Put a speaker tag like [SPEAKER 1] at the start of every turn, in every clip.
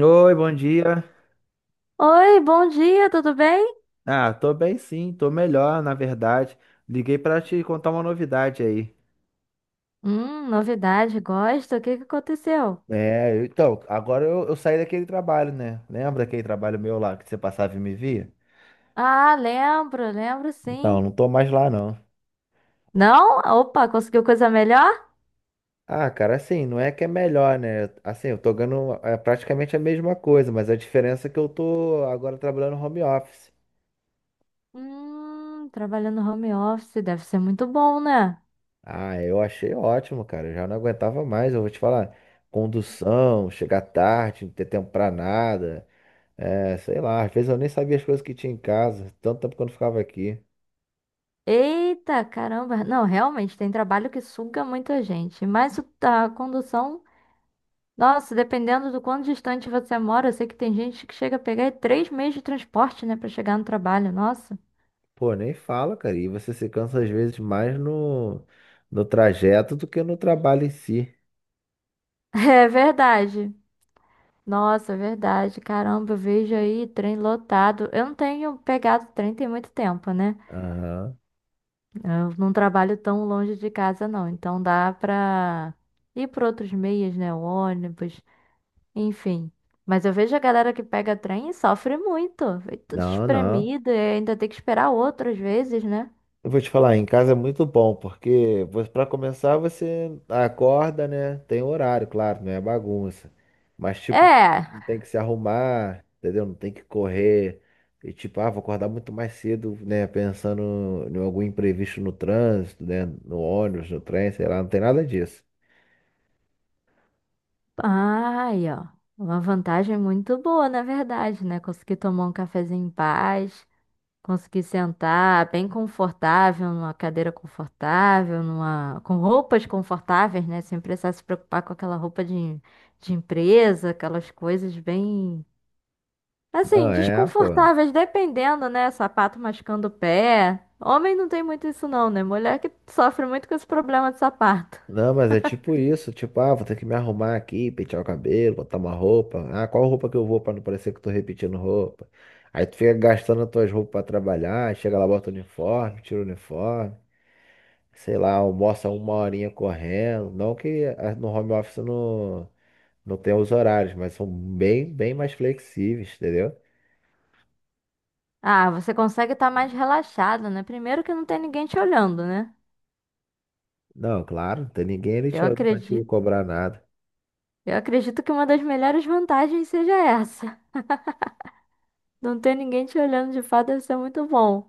[SPEAKER 1] Oi, bom dia.
[SPEAKER 2] Oi, bom dia, tudo bem?
[SPEAKER 1] Ah, tô bem sim, tô melhor, na verdade. Liguei pra te contar uma novidade aí.
[SPEAKER 2] Novidade, gosto. O que que aconteceu?
[SPEAKER 1] Então, agora eu saí daquele trabalho, né? Lembra aquele trabalho meu lá que você passava e me via?
[SPEAKER 2] Ah, lembro, lembro
[SPEAKER 1] Então,
[SPEAKER 2] sim.
[SPEAKER 1] não tô mais lá não.
[SPEAKER 2] Não? Opa, conseguiu coisa melhor?
[SPEAKER 1] Ah, cara, assim, não é que é melhor, né? Assim, eu tô ganhando praticamente a mesma coisa, mas a diferença é que eu tô agora trabalhando home office.
[SPEAKER 2] Trabalhando home office deve ser muito bom, né?
[SPEAKER 1] Ah, eu achei ótimo, cara. Eu já não aguentava mais, eu vou te falar. Condução, chegar tarde, não ter tempo pra nada. É, sei lá, às vezes eu nem sabia as coisas que tinha em casa, tanto tempo quando ficava aqui.
[SPEAKER 2] Eita, caramba. Não, realmente, tem trabalho que suga muita gente. Mas a condução, nossa, dependendo do quanto distante você mora, eu sei que tem gente que chega a pegar três meses de transporte, né, pra chegar no trabalho. Nossa.
[SPEAKER 1] Pô, nem fala, cara. E você se cansa às vezes mais no trajeto do que no trabalho em si.
[SPEAKER 2] É verdade. Nossa, é verdade. Caramba, eu vejo aí trem lotado. Eu não tenho pegado trem tem muito tempo, né?
[SPEAKER 1] Aham.
[SPEAKER 2] Eu não trabalho tão longe de casa, não. Então dá pra ir por outros meios, né? O ônibus, enfim. Mas eu vejo a galera que pega trem e sofre muito. Foi tudo
[SPEAKER 1] Não, não.
[SPEAKER 2] espremido e ainda tem que esperar outras vezes, né?
[SPEAKER 1] Eu vou te falar, em casa é muito bom, porque para começar você acorda, né? Tem horário, claro, não é bagunça. Mas tipo, não
[SPEAKER 2] É.
[SPEAKER 1] tem que se arrumar, entendeu? Não tem que correr. E tipo, ah, vou acordar muito mais cedo, né? Pensando em algum imprevisto no trânsito, né? No ônibus, no trem, sei lá, não tem nada disso.
[SPEAKER 2] Ai, ó. Uma vantagem muito boa, na verdade, né? Conseguir tomar um cafezinho em paz. Consegui sentar bem confortável, numa cadeira confortável, numa com roupas confortáveis, né? Sem precisar se preocupar com aquela roupa de empresa, aquelas coisas bem,
[SPEAKER 1] Não,
[SPEAKER 2] assim,
[SPEAKER 1] é, pô.
[SPEAKER 2] desconfortáveis, dependendo, né? Sapato machucando o pé. Homem não tem muito isso não, né? Mulher que sofre muito com esse problema de sapato.
[SPEAKER 1] Não, mas é tipo isso, tipo, ah, vou ter que me arrumar aqui, pentear o cabelo, botar uma roupa. Ah, qual roupa que eu vou pra não parecer que eu tô repetindo roupa? Aí tu fica gastando as tuas roupas pra trabalhar, aí chega lá, bota o uniforme, tira o uniforme, sei lá, almoça uma horinha correndo. Não que ah, no home office não, não tem os horários, mas são bem mais flexíveis, entendeu?
[SPEAKER 2] Ah, você consegue estar mais relaxado, né? Primeiro que não tem ninguém te olhando, né?
[SPEAKER 1] Não, claro, não tem ninguém ali
[SPEAKER 2] Eu
[SPEAKER 1] te- pra te
[SPEAKER 2] acredito,
[SPEAKER 1] cobrar nada.
[SPEAKER 2] eu acredito que uma das melhores vantagens seja essa. Não ter ninguém te olhando de fato deve ser muito bom.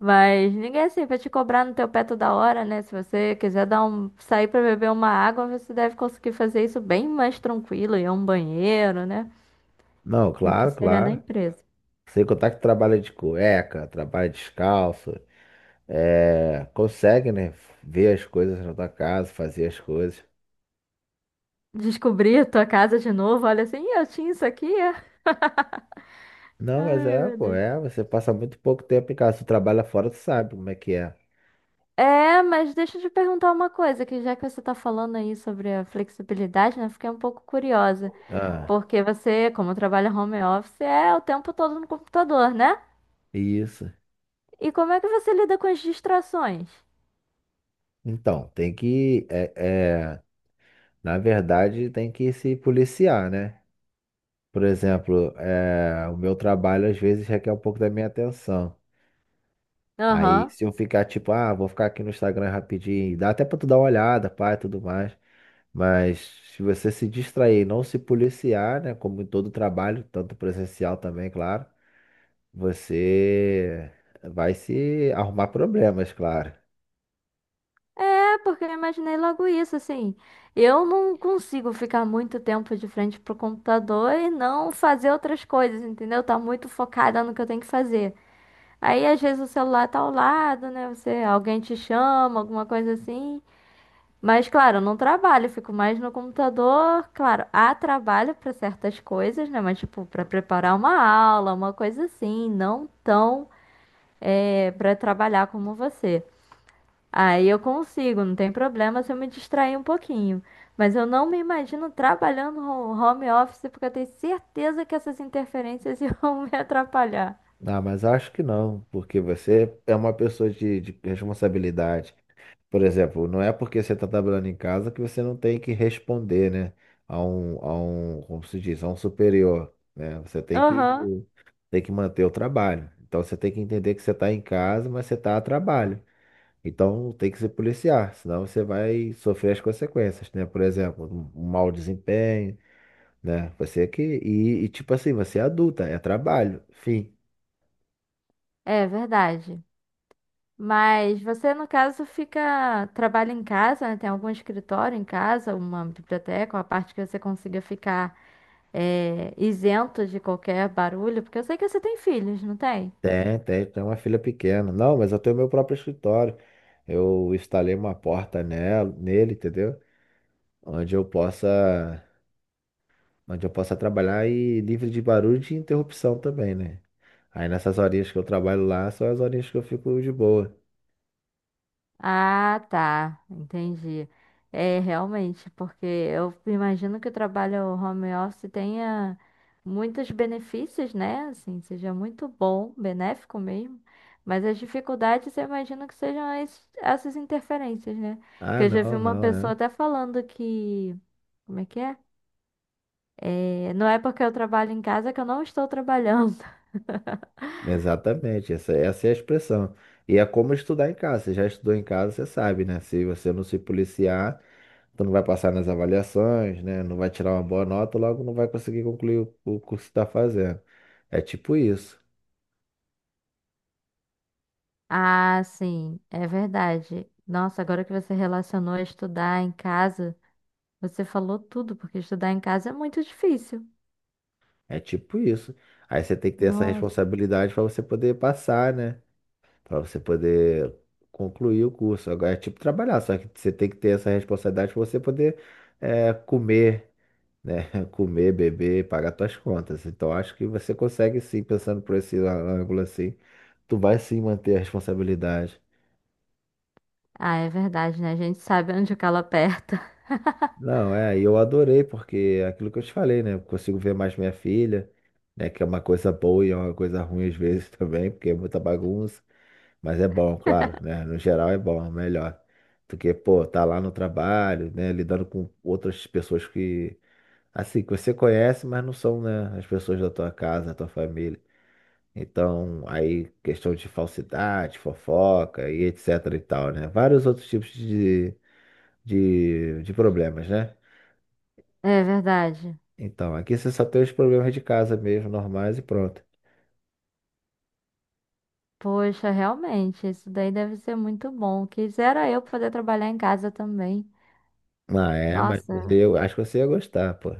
[SPEAKER 2] Mas ninguém é assim vai te cobrar no teu pé toda hora, né? Se você quiser dar um, sair pra beber uma água, você deve conseguir fazer isso bem mais tranquilo, ir a um banheiro, né?
[SPEAKER 1] Não,
[SPEAKER 2] Do que
[SPEAKER 1] claro,
[SPEAKER 2] seria na
[SPEAKER 1] claro.
[SPEAKER 2] empresa.
[SPEAKER 1] Sem contar que trabalha de cueca, trabalha descalço. É, consegue, né? Ver as coisas na tua casa, fazer as coisas.
[SPEAKER 2] Descobrir a tua casa de novo, olha assim, "Ih, eu tinha isso aqui. É?"
[SPEAKER 1] Não, mas
[SPEAKER 2] Ai,
[SPEAKER 1] é,
[SPEAKER 2] meu
[SPEAKER 1] pô,
[SPEAKER 2] Deus.
[SPEAKER 1] é, você passa muito pouco tempo em casa. Tu trabalha fora, tu sabe como é que é.
[SPEAKER 2] É, mas deixa eu te perguntar uma coisa, que já que você tá falando aí sobre a flexibilidade, né? Fiquei um pouco curiosa.
[SPEAKER 1] Ah,
[SPEAKER 2] Porque você, como trabalha home office, é o tempo todo no computador, né?
[SPEAKER 1] isso.
[SPEAKER 2] E como é que você lida com as distrações?
[SPEAKER 1] Então, tem que, é, na verdade, tem que se policiar, né? Por exemplo, é, o meu trabalho às vezes requer um pouco da minha atenção. Aí,
[SPEAKER 2] Aham.
[SPEAKER 1] se eu ficar tipo, ah, vou ficar aqui no Instagram rapidinho, dá até pra tu dar uma olhada, pai, tudo mais. Mas se você se distrair e não se policiar, né, como em todo trabalho, tanto presencial também, claro, você vai se arrumar problemas, claro.
[SPEAKER 2] É, porque eu imaginei logo isso, assim. Eu não consigo ficar muito tempo de frente pro computador e não fazer outras coisas, entendeu? Tá muito focada no que eu tenho que fazer. Aí, às vezes, o celular tá ao lado, né? Você, alguém te chama, alguma coisa assim. Mas, claro, eu não trabalho, eu fico mais no computador. Claro, há trabalho para certas coisas, né? Mas, tipo, para preparar uma aula, uma coisa assim, não tão para trabalhar como você. Aí eu consigo, não tem problema se eu me distrair um pouquinho. Mas eu não me imagino trabalhando no home office porque eu tenho certeza que essas interferências iam me atrapalhar.
[SPEAKER 1] Ah, mas acho que não, porque você é uma pessoa de responsabilidade. Por exemplo, não é porque você está trabalhando em casa que você não tem que responder, né, como se diz, a um superior, né? Você
[SPEAKER 2] Aham,
[SPEAKER 1] tem que manter o trabalho. Então você tem que entender que você está em casa, mas você está a trabalho. Então tem que se policiar, senão você vai sofrer as consequências, né? Por exemplo, um mau desempenho, né? Você é que. Tipo assim, você é adulta, é trabalho, fim.
[SPEAKER 2] é verdade. Mas você, no caso, fica, trabalha em casa, né? Tem algum escritório em casa, uma biblioteca, uma parte que você consiga ficar isento de qualquer barulho, porque eu sei que você tem filhos, não tem?
[SPEAKER 1] Tem uma filha pequena. Não, mas eu tenho meu próprio escritório. Eu instalei uma porta nela, nele, entendeu? Onde eu possa, onde eu possa trabalhar e livre de barulho e de interrupção também, né? Aí nessas horinhas que eu trabalho lá, são as horinhas que eu fico de boa.
[SPEAKER 2] Ah, tá, entendi. É, realmente, porque eu imagino que o trabalho home office tenha muitos benefícios, né? Assim, seja muito bom, benéfico mesmo. Mas as dificuldades, eu imagino que sejam essas interferências, né?
[SPEAKER 1] Ah,
[SPEAKER 2] Que eu já vi
[SPEAKER 1] não,
[SPEAKER 2] uma
[SPEAKER 1] não,
[SPEAKER 2] pessoa
[SPEAKER 1] é.
[SPEAKER 2] até falando que. Como é que é? É, não é porque eu trabalho em casa que eu não estou trabalhando.
[SPEAKER 1] Exatamente, essa é a expressão. E é como estudar em casa. Você já estudou em casa, você sabe, né? Se você não se policiar, tu não vai passar nas avaliações, né? Não vai tirar uma boa nota, logo não vai conseguir concluir o curso que está fazendo. É tipo isso.
[SPEAKER 2] Ah, sim, é verdade. Nossa, agora que você relacionou a estudar em casa. Você falou tudo, porque estudar em casa é muito difícil.
[SPEAKER 1] É tipo isso. Aí você tem que ter essa
[SPEAKER 2] Nossa.
[SPEAKER 1] responsabilidade para você poder passar, né? Para você poder concluir o curso. Agora é tipo trabalhar, só que você tem que ter essa responsabilidade para você poder comer. Né? Comer, beber, pagar tuas contas. Então acho que você consegue sim, pensando por esse ângulo assim, tu vai sim manter a responsabilidade.
[SPEAKER 2] Ah, é verdade, né? A gente sabe onde o calo aperta.
[SPEAKER 1] Não, é, e eu adorei, porque é aquilo que eu te falei, né? Eu consigo ver mais minha filha, né? Que é uma coisa boa e é uma coisa ruim às vezes também, porque é muita bagunça. Mas é bom, claro, né? No geral é bom, é melhor. Porque, pô, tá lá no trabalho, né? Lidando com outras pessoas que, assim, que você conhece, mas não são, né? As pessoas da tua casa, da tua família. Então, aí questão de falsidade, fofoca e etc e tal, né? Vários outros tipos de problemas, né?
[SPEAKER 2] É verdade.
[SPEAKER 1] Então, aqui você só tem os problemas de casa mesmo, normais e pronto.
[SPEAKER 2] Poxa, realmente, isso daí deve ser muito bom. Quisera eu poder trabalhar em casa também.
[SPEAKER 1] Ah, é, mas
[SPEAKER 2] Nossa,
[SPEAKER 1] eu acho que você ia gostar, pô.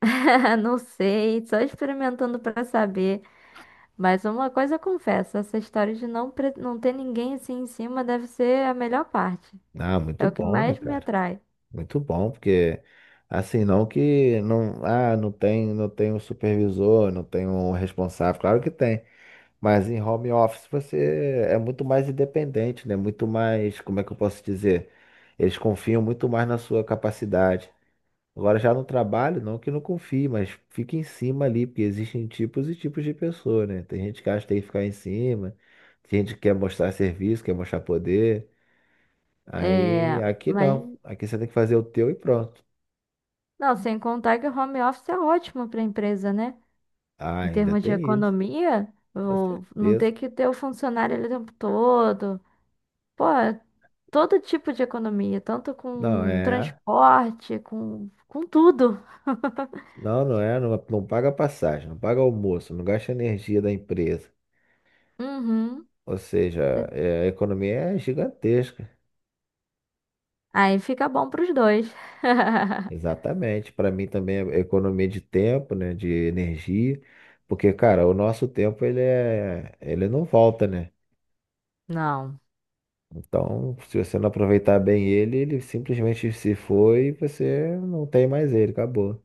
[SPEAKER 2] não sei, só experimentando para saber. Mas uma coisa eu confesso, essa história de não, não ter ninguém assim em cima deve ser a melhor parte.
[SPEAKER 1] Ah,
[SPEAKER 2] É
[SPEAKER 1] muito
[SPEAKER 2] o que
[SPEAKER 1] bom, né,
[SPEAKER 2] mais me
[SPEAKER 1] cara?
[SPEAKER 2] atrai.
[SPEAKER 1] Muito bom, porque assim, não que não, ah, não tem um supervisor, não tem um responsável, claro que tem. Mas em home office você é muito mais independente, né? Muito mais, como é que eu posso dizer? Eles confiam muito mais na sua capacidade. Agora já no trabalho, não que não confie, mas fique em cima ali, porque existem tipos e tipos de pessoa, né? Tem gente que acha que tem que ficar em cima, tem gente que quer mostrar serviço, quer mostrar poder. Aí
[SPEAKER 2] É,
[SPEAKER 1] aqui
[SPEAKER 2] mas
[SPEAKER 1] não. Aqui você tem que fazer o teu e pronto.
[SPEAKER 2] não, sem contar que o home office é ótimo para a empresa, né?
[SPEAKER 1] Ah,
[SPEAKER 2] Em
[SPEAKER 1] ainda
[SPEAKER 2] termos de
[SPEAKER 1] tem isso,
[SPEAKER 2] economia,
[SPEAKER 1] com
[SPEAKER 2] não
[SPEAKER 1] certeza.
[SPEAKER 2] ter que ter o funcionário ali o tempo todo. Pô, é todo tipo de economia, tanto
[SPEAKER 1] Não,
[SPEAKER 2] com
[SPEAKER 1] é.
[SPEAKER 2] transporte, com tudo.
[SPEAKER 1] Não, não paga passagem, não paga almoço, não gasta energia da empresa.
[SPEAKER 2] Uhum.
[SPEAKER 1] Ou seja, é, a economia é gigantesca.
[SPEAKER 2] Aí fica bom para os dois.
[SPEAKER 1] Exatamente. Para mim também é economia de tempo, né, de energia, porque, cara, o nosso tempo ele não volta, né?
[SPEAKER 2] Não.
[SPEAKER 1] Então, se você não aproveitar bem ele, ele simplesmente se foi e você não tem mais ele, acabou.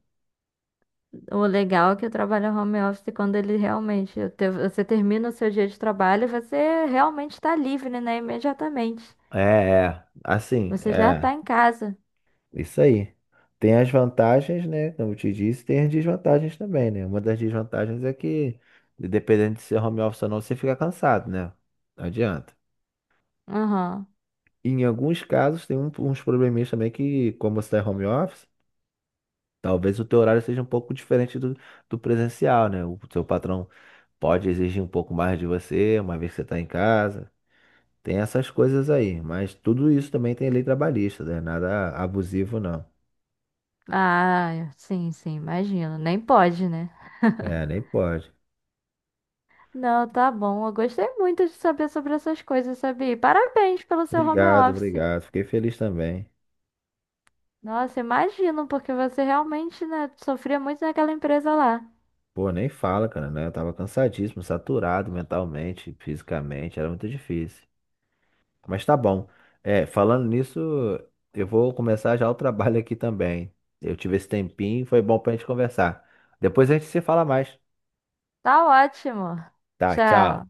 [SPEAKER 2] O legal é que o trabalho home office, quando ele realmente você termina o seu dia de trabalho, você realmente está livre, né? Imediatamente.
[SPEAKER 1] É, é, assim,
[SPEAKER 2] Você já
[SPEAKER 1] é.
[SPEAKER 2] está em casa.
[SPEAKER 1] Isso aí. Tem as vantagens, né? Como eu te disse, tem as desvantagens também, né? Uma das desvantagens é que, dependendo de ser home office ou não, você fica cansado, né? Não adianta.
[SPEAKER 2] Aham.
[SPEAKER 1] E em alguns casos, tem um- uns probleminhas também que, como você está home office, talvez o teu horário seja um pouco diferente do presencial, né? O seu patrão pode exigir um pouco mais de você, uma vez que você está em casa. Tem essas coisas aí, mas tudo isso também tem lei trabalhista, né? Nada abusivo, não.
[SPEAKER 2] Ah, sim, sim, imagino. Nem pode, né?
[SPEAKER 1] É, nem pode.
[SPEAKER 2] Não, tá bom. Eu gostei muito de saber sobre essas coisas, sabia? E parabéns pelo seu home
[SPEAKER 1] Obrigado,
[SPEAKER 2] office.
[SPEAKER 1] obrigado. Fiquei feliz também.
[SPEAKER 2] Nossa, imagino, porque você realmente, né, sofria muito naquela empresa lá.
[SPEAKER 1] Pô, nem fala, cara, né? Eu tava cansadíssimo, saturado mentalmente, fisicamente, era muito difícil. Mas tá bom. É, falando nisso, eu vou começar já o trabalho aqui também. Eu tive esse tempinho, foi bom pra gente conversar. Depois a gente se fala mais.
[SPEAKER 2] Tá ótimo.
[SPEAKER 1] Tá, tchau.
[SPEAKER 2] Tchau.